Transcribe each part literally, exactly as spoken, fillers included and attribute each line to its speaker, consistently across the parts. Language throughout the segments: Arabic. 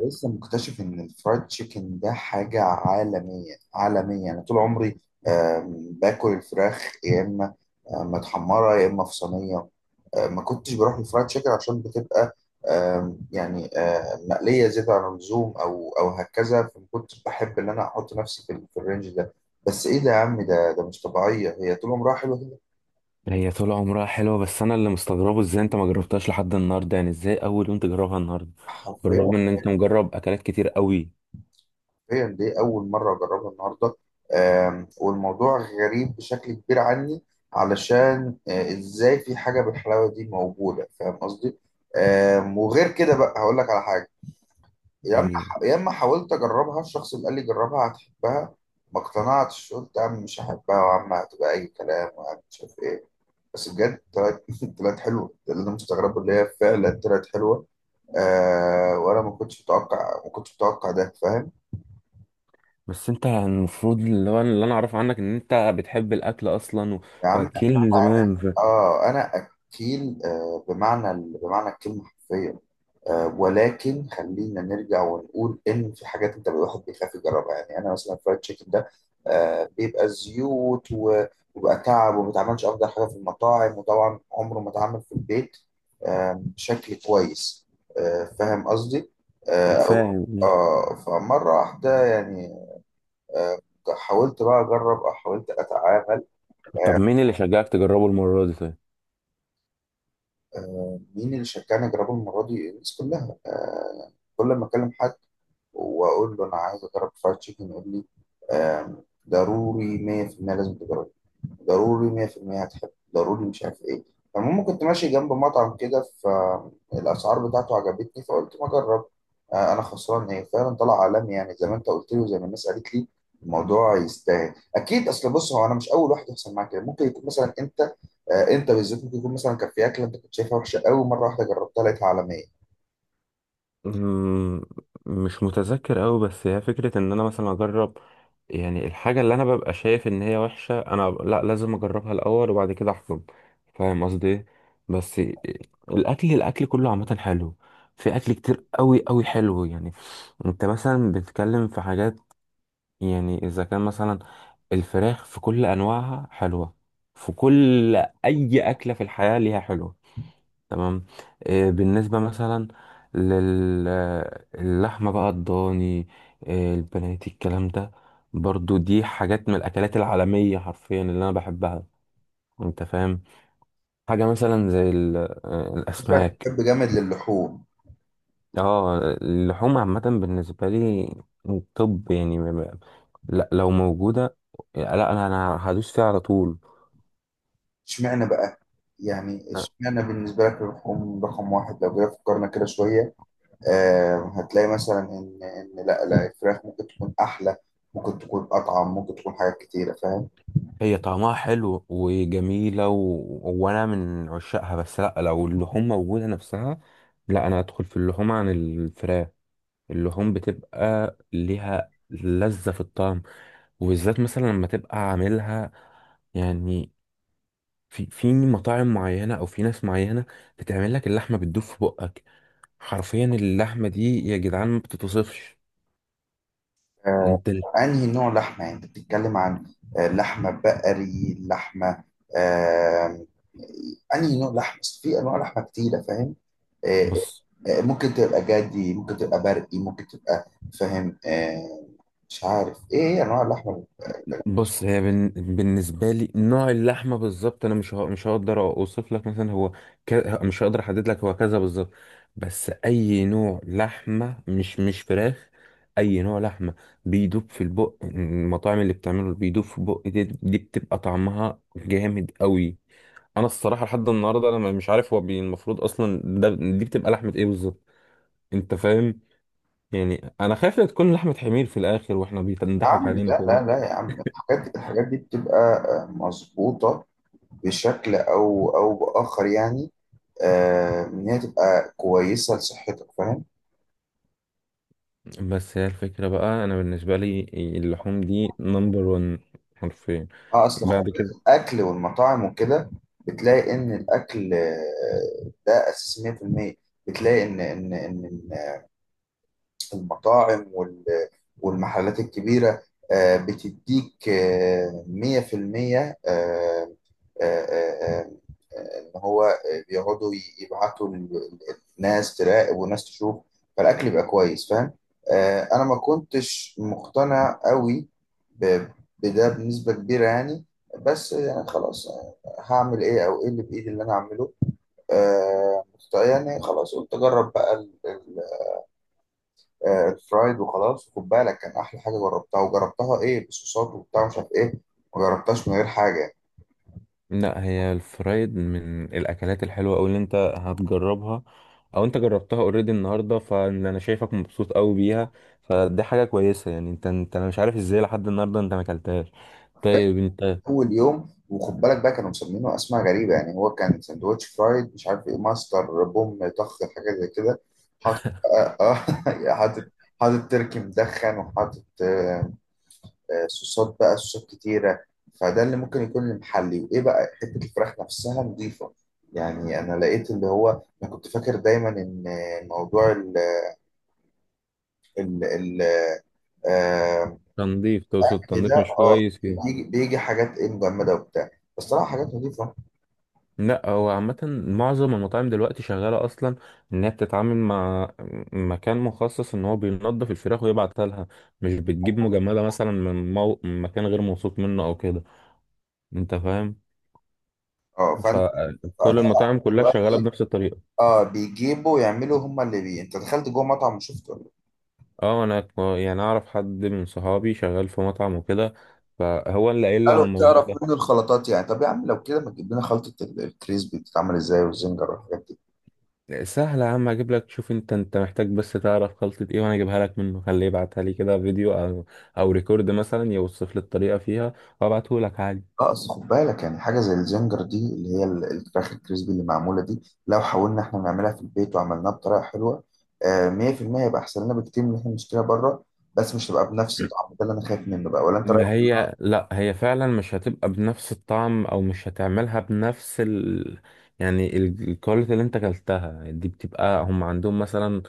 Speaker 1: لسه مكتشف ان الفرايد تشيكن ده حاجه عالميه عالميه، انا طول عمري آم، باكل الفراخ، يا اما آم، متحمره، يا اما في صينيه. آم، ما كنتش بروح للفرايد تشيكن عشان بتبقى آم، يعني آم، مقليه زياده عن اللزوم او او هكذا، فما كنتش بحب ان انا احط نفسي في ال- في الرينج ده. بس ايه ده يا عم، ده ده مش طبيعيه، هي طول عمرها حلوه كده.
Speaker 2: هي طول عمرها حلوة، بس أنا اللي مستغربه إزاي أنت ما جربتهاش لحد النهاردة. يعني إزاي أول يوم تجربها النهاردة بالرغم
Speaker 1: حرفيا.
Speaker 2: إن أنت مجرب أكلات كتير قوي.
Speaker 1: حرفيا دي اول مره اجربها النهارده. آم، والموضوع غريب بشكل كبير عني، علشان آه، ازاي في حاجه بالحلاوه دي موجوده؟ فاهم قصدي؟ آم، وغير كده بقى هقول لك على حاجه. يا
Speaker 2: قول
Speaker 1: اما
Speaker 2: لي.
Speaker 1: يا اما حاولت اجربها، الشخص اللي قال لي جربها هتحبها، ما اقتنعتش، قلت يا عم مش هحبها، وعم هتبقى اي كلام، وعم مش عارف ايه. بس بجد طلعت طلعت حلوه. ده اللي انا مستغربه، اللي هي فعلا طلعت حلوه. آه، وانا ما كنتش متوقع ما كنتش متوقع ده فاهم.
Speaker 2: بس أنت المفروض، اللي هو اللي أنا أعرفه عنك، إن أنت بتحب الأكل أصلا و...
Speaker 1: يا عم انا...
Speaker 2: وأكل من زمان ف...
Speaker 1: اه، انا اكيل، آه بمعنى ال- بمعنى الكلمه، حرفيا. آه، ولكن خلينا نرجع ونقول ان في حاجات انت الواحد بيخاف يجربها، يعني انا مثلا الفرايد تشيكن ده آه بيبقى زيوت و- وبيبقى تعب، وما بيتعملش افضل حاجه في المطاعم، وطبعا عمره ما اتعمل في البيت آه بشكل كويس. آه فاهم قصدي؟ آه أو-
Speaker 2: فاهم.
Speaker 1: آه فمره واحده يعني. آه. حاولت بقى اجرب، او حاولت اتعامل.
Speaker 2: طب مين اللي شجعك تجربه المرة دي طيب؟
Speaker 1: آه، مين اللي شجعني اجربه المره دي؟ الناس كلها. آه، كل ما اكلم حد واقول له انا عايز اجرب فرايد تشيكن، يقول لي آه، ضروري، مية بالمية لازم تجرب، ضروري مية في المية هتحب، ضروري مش عارف ايه. فالمهم كنت ماشي جنب مطعم كده، فالاسعار بتاعته عجبتني، فقلت ما اجرب آه، انا خسران ايه؟ فعلا طلع عالمي يعني، زي ما انت قلت لي وزي ما الناس قالت لي، الموضوع يستاهل اكيد. اصل بص، هو انا مش اول واحد يحصل معاك كده، ممكن يكون مثلا انت آه، انت بالذات، ممكن يكون مثلا كان في اكله انت كنت شايفها وحشه قوي، مره واحده جربتها لقيتها عالميه.
Speaker 2: مم، مش متذكر أوي، بس هي فكرة ان انا مثلا اجرب، يعني الحاجة اللي انا ببقى شايف ان هي وحشة انا ب- لا، لازم اجربها الاول وبعد كده احكم. فاهم قصدي ايه؟ بس إيه، الاكل الاكل كله عامة حلو. في اكل كتير أوي أوي حلو يعني. انت مثلا بتتكلم في حاجات، يعني اذا كان مثلا الفراخ في كل انواعها حلوة. في كل، اي اكلة في الحياة ليها حلوة. تمام. آه، بالنسبة مثلا للحمة بقى الضاني، آه، البنات الكلام ده، برضو دي حاجات من الأكلات العالمية حرفيا اللي أنا بحبها. أنت فاهم. حاجة مثلا زي ال- آه،
Speaker 1: شكلك
Speaker 2: الأسماك.
Speaker 1: بتحب جامد للحوم.
Speaker 2: اه، اللحوم عامة بالنسبة لي. طب يعني ما- ما- لا، لو موجودة، لا، أنا أنا هدوس فيها على طول.
Speaker 1: اشمعنى بقى؟ يعني اشمعنى بالنسبه لك اللحوم رقم واحد؟ لو جينا فكرنا كده شويه آه، هتلاقي مثلا ان ان لا لا الفراخ ممكن تكون احلى، ممكن تكون اطعم، ممكن تكون حاجات كتيره فاهم.
Speaker 2: هي طعمها حلو وجميلة و... وأنا من عشاقها، بس لأ، لو اللحوم موجودة نفسها، لأ، أنا أدخل في اللحوم عن الفراخ. اللحوم بتبقى ليها لذة في الطعم، وبالذات مثلا لما تبقى عاملها، يعني في في مطاعم معينة أو في ناس معينة بتعمل لك اللحمة بتدوب في بقك. حرفيا اللحمة دي يا جدعان ما بتتوصفش.
Speaker 1: آه،
Speaker 2: أنت
Speaker 1: انهي نوع لحمه يعني؟ انت بتتكلم عن آه، لحمه بقري، لحمه آه، انهي نوع لحمه؟ أصل في انواع لحمه كتيره فاهم. آه،
Speaker 2: بص.
Speaker 1: آه، ممكن تبقى جدي، ممكن تبقى برقي، ممكن تبقى فاهم آه، مش عارف ايه انواع اللحمه.
Speaker 2: بص، هي بن... بالنسبه لي نوع اللحمه بالظبط انا مش ه... مش هقدر اوصف لك مثلا هو، ك... مش هقدر احدد لك هو كذا بالظبط. بس اي نوع لحمه، مش مش فراخ، اي نوع لحمه بيدوب في البق. المطاعم اللي بتعمله بيدوب في البق دي, دي بتبقى طعمها جامد قوي. انا الصراحه لحد النهارده انا مش عارف هو بي... المفروض اصلا ده دي بتبقى لحمه ايه بالظبط. انت فاهم. يعني انا خايف لا تكون لحمه حمير في الاخر واحنا
Speaker 1: يا
Speaker 2: بيضحك
Speaker 1: عم
Speaker 2: علينا
Speaker 1: لا لا
Speaker 2: كده.
Speaker 1: لا يا عم، الحاجات دي الحاجات دي بتبقى آه، مظبوطه بشكل او او باخر يعني. آه، ان هي تبقى كويسه لصحتك فاهم.
Speaker 2: بس هي الفكرة بقى، أنا بالنسبة لي اللحوم دي نمبر ون. حرفيا.
Speaker 1: اه، اصل
Speaker 2: بعد
Speaker 1: خروجات
Speaker 2: كده،
Speaker 1: الاكل والمطاعم وكده، بتلاقي ان الاكل آه، ده اساس مية بالمية. بتلاقي ان ان ان المطاعم وال- والمحلات الكبيرة آه، بتديك آه، مية في المية، آه، آه، آه، آه، ان هو بيقعدوا ي- يبعتوا ال- ال- الناس تراقب وناس تشوف، فالاكل يبقى كويس فاهم. آه، انا ما كنتش مقتنع قوي ب- بده بنسبه كبيره يعني. بس يعني خلاص آه، هعمل ايه؟ او ايه اللي بايدي اللي انا اعمله؟ آه، يعني خلاص قلت اجرب بقى ال- آه، الفرايد وخلاص. وخد بالك كان احلى حاجه جربتها، وجربتها ايه؟ بصوصات وبتاع مش عارف ايه، ما جربتهاش من غير حاجه.
Speaker 2: لا، هي الفرايد من الأكلات الحلوة أوي اللي أنت هتجربها، أو أنت جربتها أوريدي النهاردة، فأنا شايفك مبسوط أوي بيها. فدي حاجة كويسة يعني. أنت أنت أنا مش عارف إزاي لحد النهاردة أنت ما أكلتهاش.
Speaker 1: فاكر
Speaker 2: طيب أنت،
Speaker 1: اول يوم، وخد بالك بقى، كانوا مسمينه اسماء غريبه يعني، هو كان سندوتش فرايد مش عارف ايه، ماستر بوم طخ حاجه زي كده. حاطط اه آه، حاطط حاطط تركي مدخن، وحاطط آه، آه، صوصات بقى، صوصات كتيره. فده اللي ممكن يكون المحلي. وايه بقى؟ حته الفراخ نفسها نظيفه، يعني انا لقيت اللي هو انا كنت فاكر دايما ان موضوع ال ال آه
Speaker 2: تنظيف، تقصد
Speaker 1: كده،
Speaker 2: تنظيف مش
Speaker 1: اه
Speaker 2: كويس.
Speaker 1: بيجي بيجي حاجات ايه مجمده وبتاع، بصراحه حاجات نظيفه.
Speaker 2: لا، هو عامة معظم المطاعم دلوقتي شغالة أصلا، إن هي بتتعامل مع مكان مخصص إن هو بينضف الفراخ ويبعتها لها. مش بتجيب مجمدة مثلا من مو... من مكان غير موثوق منه أو كده. أنت فاهم.
Speaker 1: اه فانت...
Speaker 2: فكل
Speaker 1: فأنا
Speaker 2: المطاعم كلها شغالة بنفس الطريقة.
Speaker 1: اه بيجيبوا يعملوا، هم اللي بي، انت دخلت جوه مطعم وشفت ولا إيه؟
Speaker 2: اه، أنا ك- يعني أعرف حد من صحابي شغال في مطعم وكده، فهو اللي قايل لي على
Speaker 1: قالوا
Speaker 2: الموضوع
Speaker 1: بتعرف
Speaker 2: ده.
Speaker 1: منه الخلطات يعني؟ طب يا عم لو كده، ما تجيب لنا خلطه ال- الكريسبي بتتعمل ازاي، والزنجر والحاجات دي؟
Speaker 2: سهلة يا عم، اجيب لك. شوف انت انت محتاج بس تعرف خلطة ايه وانا اجيبها لك منه. خليه يبعتها لي كده فيديو او، او ريكورد مثلا، يوصف لي الطريقة فيها وابعته لك عادي.
Speaker 1: لا اصل خد بالك، يعني حاجه زي الزنجر دي اللي هي ال- الفراخ الكريسبي اللي معموله دي، لو حاولنا احنا نعملها في البيت وعملناها بطريقه حلوه آه، مية في المية هيبقى احسن لنا بكتير من اللي احنا بنشتريها بره. بس مش هتبقى بنفس الطعم ده اللي انا خايف منه بقى، ولا انت رايك؟
Speaker 2: ما هي لا، هي فعلا مش هتبقى بنفس الطعم، او مش هتعملها بنفس ال، يعني ال- الكواليتي اللي انت اكلتها دي بتبقى هم عندهم مثلا.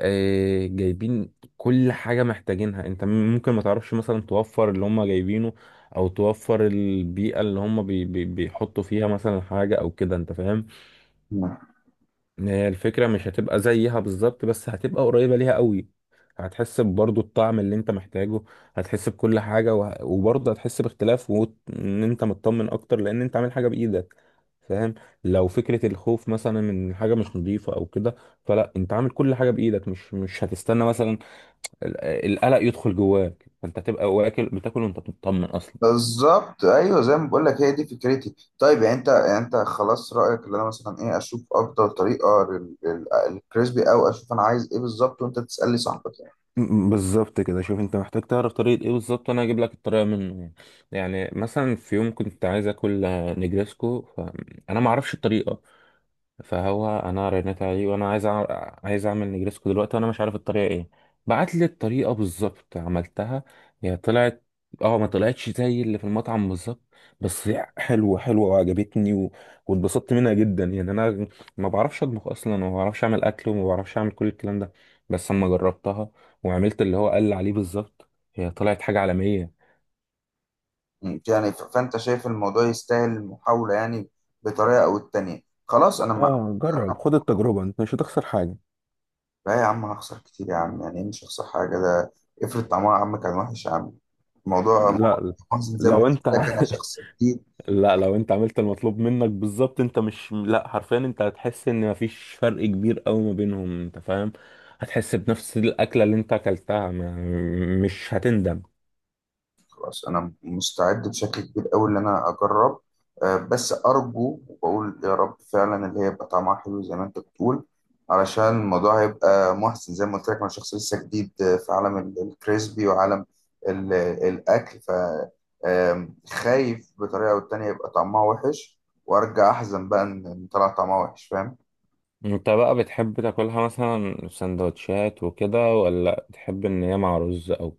Speaker 2: آه، جايبين كل حاجة محتاجينها. انت ممكن ما تعرفش مثلا توفر اللي هم جايبينه، او توفر البيئة اللي هم بي بي بيحطوا فيها مثلا حاجة او كده. انت فاهم.
Speaker 1: مم.
Speaker 2: هي الفكرة مش هتبقى زيها بالظبط، بس هتبقى قريبة ليها قوي. هتحس برضو الطعم اللي انت محتاجه. هتحس بكل حاجة وه... وبرضه هتحس باختلاف وان انت مطمن اكتر لان انت عامل حاجة بايدك. فاهم. لو فكرة الخوف مثلا من حاجة مش نظيفة او كده، فلا، انت عامل كل حاجة بايدك. مش مش هتستنى مثلا ال- القلق يدخل جواك. فانت تبقى واكل، بتاكل وانت مطمن اصلا.
Speaker 1: بالظبط، ايوه، زي ما بقول لك هي دي فكرتي. طيب يعني انت... يعني انت خلاص رايك اللي انا مثلا ايه؟ اشوف افضل طريقه لل- لل- للكريسبي، او اشوف انا عايز ايه بالظبط وانت تسالني صاحبك؟
Speaker 2: م- بالظبط كده. شوف انت محتاج تعرف طريقة ايه بالظبط، وانا هجيب لك الطريقة منه يعني. يعني مثلا في يوم كنت عايز اكل، آه، نجريسكو، فانا ما اعرفش الطريقة، فهو انا رنيت عليه وانا عايز أع... عايز اعمل نجريسكو دلوقتي وانا مش عارف الطريقه ايه. بعت لي الطريقه بالظبط، عملتها، هي طلعت، اه، ما طلعتش زي اللي في المطعم بالظبط، بس هي حلوه حلوه وعجبتني و... واتبسطت منها جدا. يعني انا ما بعرفش اطبخ اصلا، وما بعرفش اعمل اكل، وما بعرفش اعمل كل الكلام ده، بس اما جربتها وعملت اللي هو قال عليه بالظبط، هي طلعت حاجه عالميه.
Speaker 1: مم. يعني ف- فانت شايف الموضوع يستاهل المحاولة يعني، بطريقة او التانية. خلاص انا ما...
Speaker 2: اه، جرب، خد التجربه، انت مش هتخسر حاجه.
Speaker 1: لا يا عم، هخسر كتير يا عم، يعني إيه مش هخسر حاجة؟ ده افرض طعمها يا عم كان وحش، يا عم الموضوع
Speaker 2: لا لا،
Speaker 1: محزن زي ما قلت
Speaker 2: لو انت
Speaker 1: لك، انا شخص جديد.
Speaker 2: لا، لو انت عملت المطلوب منك بالظبط، انت مش، لا حرفيا انت هتحس ان مفيش فرق كبير قوي ما بينهم. انت فاهم. هتحس بنفس الاكله اللي انت اكلتها. ما... مش هتندم.
Speaker 1: خلاص انا مستعد بشكل كبير قوي ان انا اجرب، آه، بس ارجو وبقول يا رب فعلا اللي هي يبقى طعمها حلو زي ما انت بتقول، علشان الموضوع هيبقى محسن، زي ما قلت لك انا شخص لسه جديد آه، في عالم ال- الكريسبي وعالم ال- الاكل. ف آم، خايف بطريقه او التانيه يبقى طعمها وحش، وارجع احزن بقى ان إن طلع طعمها وحش فاهم.
Speaker 2: انت بقى بتحب تاكلها مثلا في سندوتشات وكده، ولا بتحب ان هي مع رز او،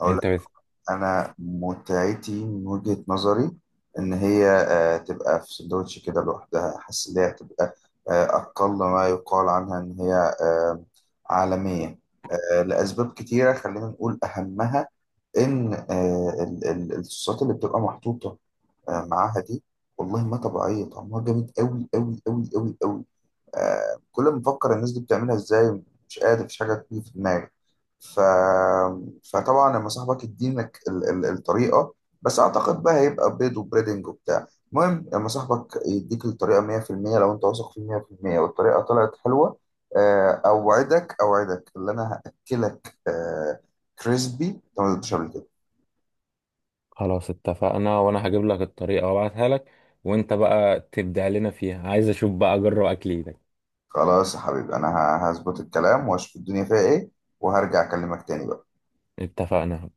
Speaker 1: أقول،
Speaker 2: انت بت...
Speaker 1: انا متعتي من وجهة نظري ان هي آه، تبقى في سندوتش كده لوحدها، حاسس ان هي هتبقى آه، اقل ما يقال عنها ان هي آه، عالمية آه، لاسباب كتيرة، خلينا نقول اهمها ان آه، ال- ال- الصوصات اللي بتبقى محطوطة آه، معاها دي والله ما طبيعية، طعمها جامد قوي قوي قوي قوي قوي. آه، كل ما بفكر الناس دي بتعملها ازاي مش قادر، مفيش حاجه تيجي في دماغي. ف... فطبعا لما صاحبك يدينك ال... ال... الطريقه، بس اعتقد بقى هيبقى بيض وبريدنج وبتاع. المهم لما صاحبك يديك الطريقه مية في المية، لو انت واثق فيه مية في المية والطريقه طلعت حلوه آه، اوعدك، اوعدك اللي انا هاكلك آه، كريسبي انت ما دوتش قبل كده.
Speaker 2: خلاص اتفقنا، وانا هجيب لك الطريقه وابعتها لك، وانت بقى تبدع لنا فيها. عايز اشوف بقى، اجرب اكل ايدك.
Speaker 1: خلاص يا حبيبي، انا ه- هظبط الكلام واشوف الدنيا فيها ايه، وهرجع اكلمك تاني بقى.
Speaker 2: اتفقنا.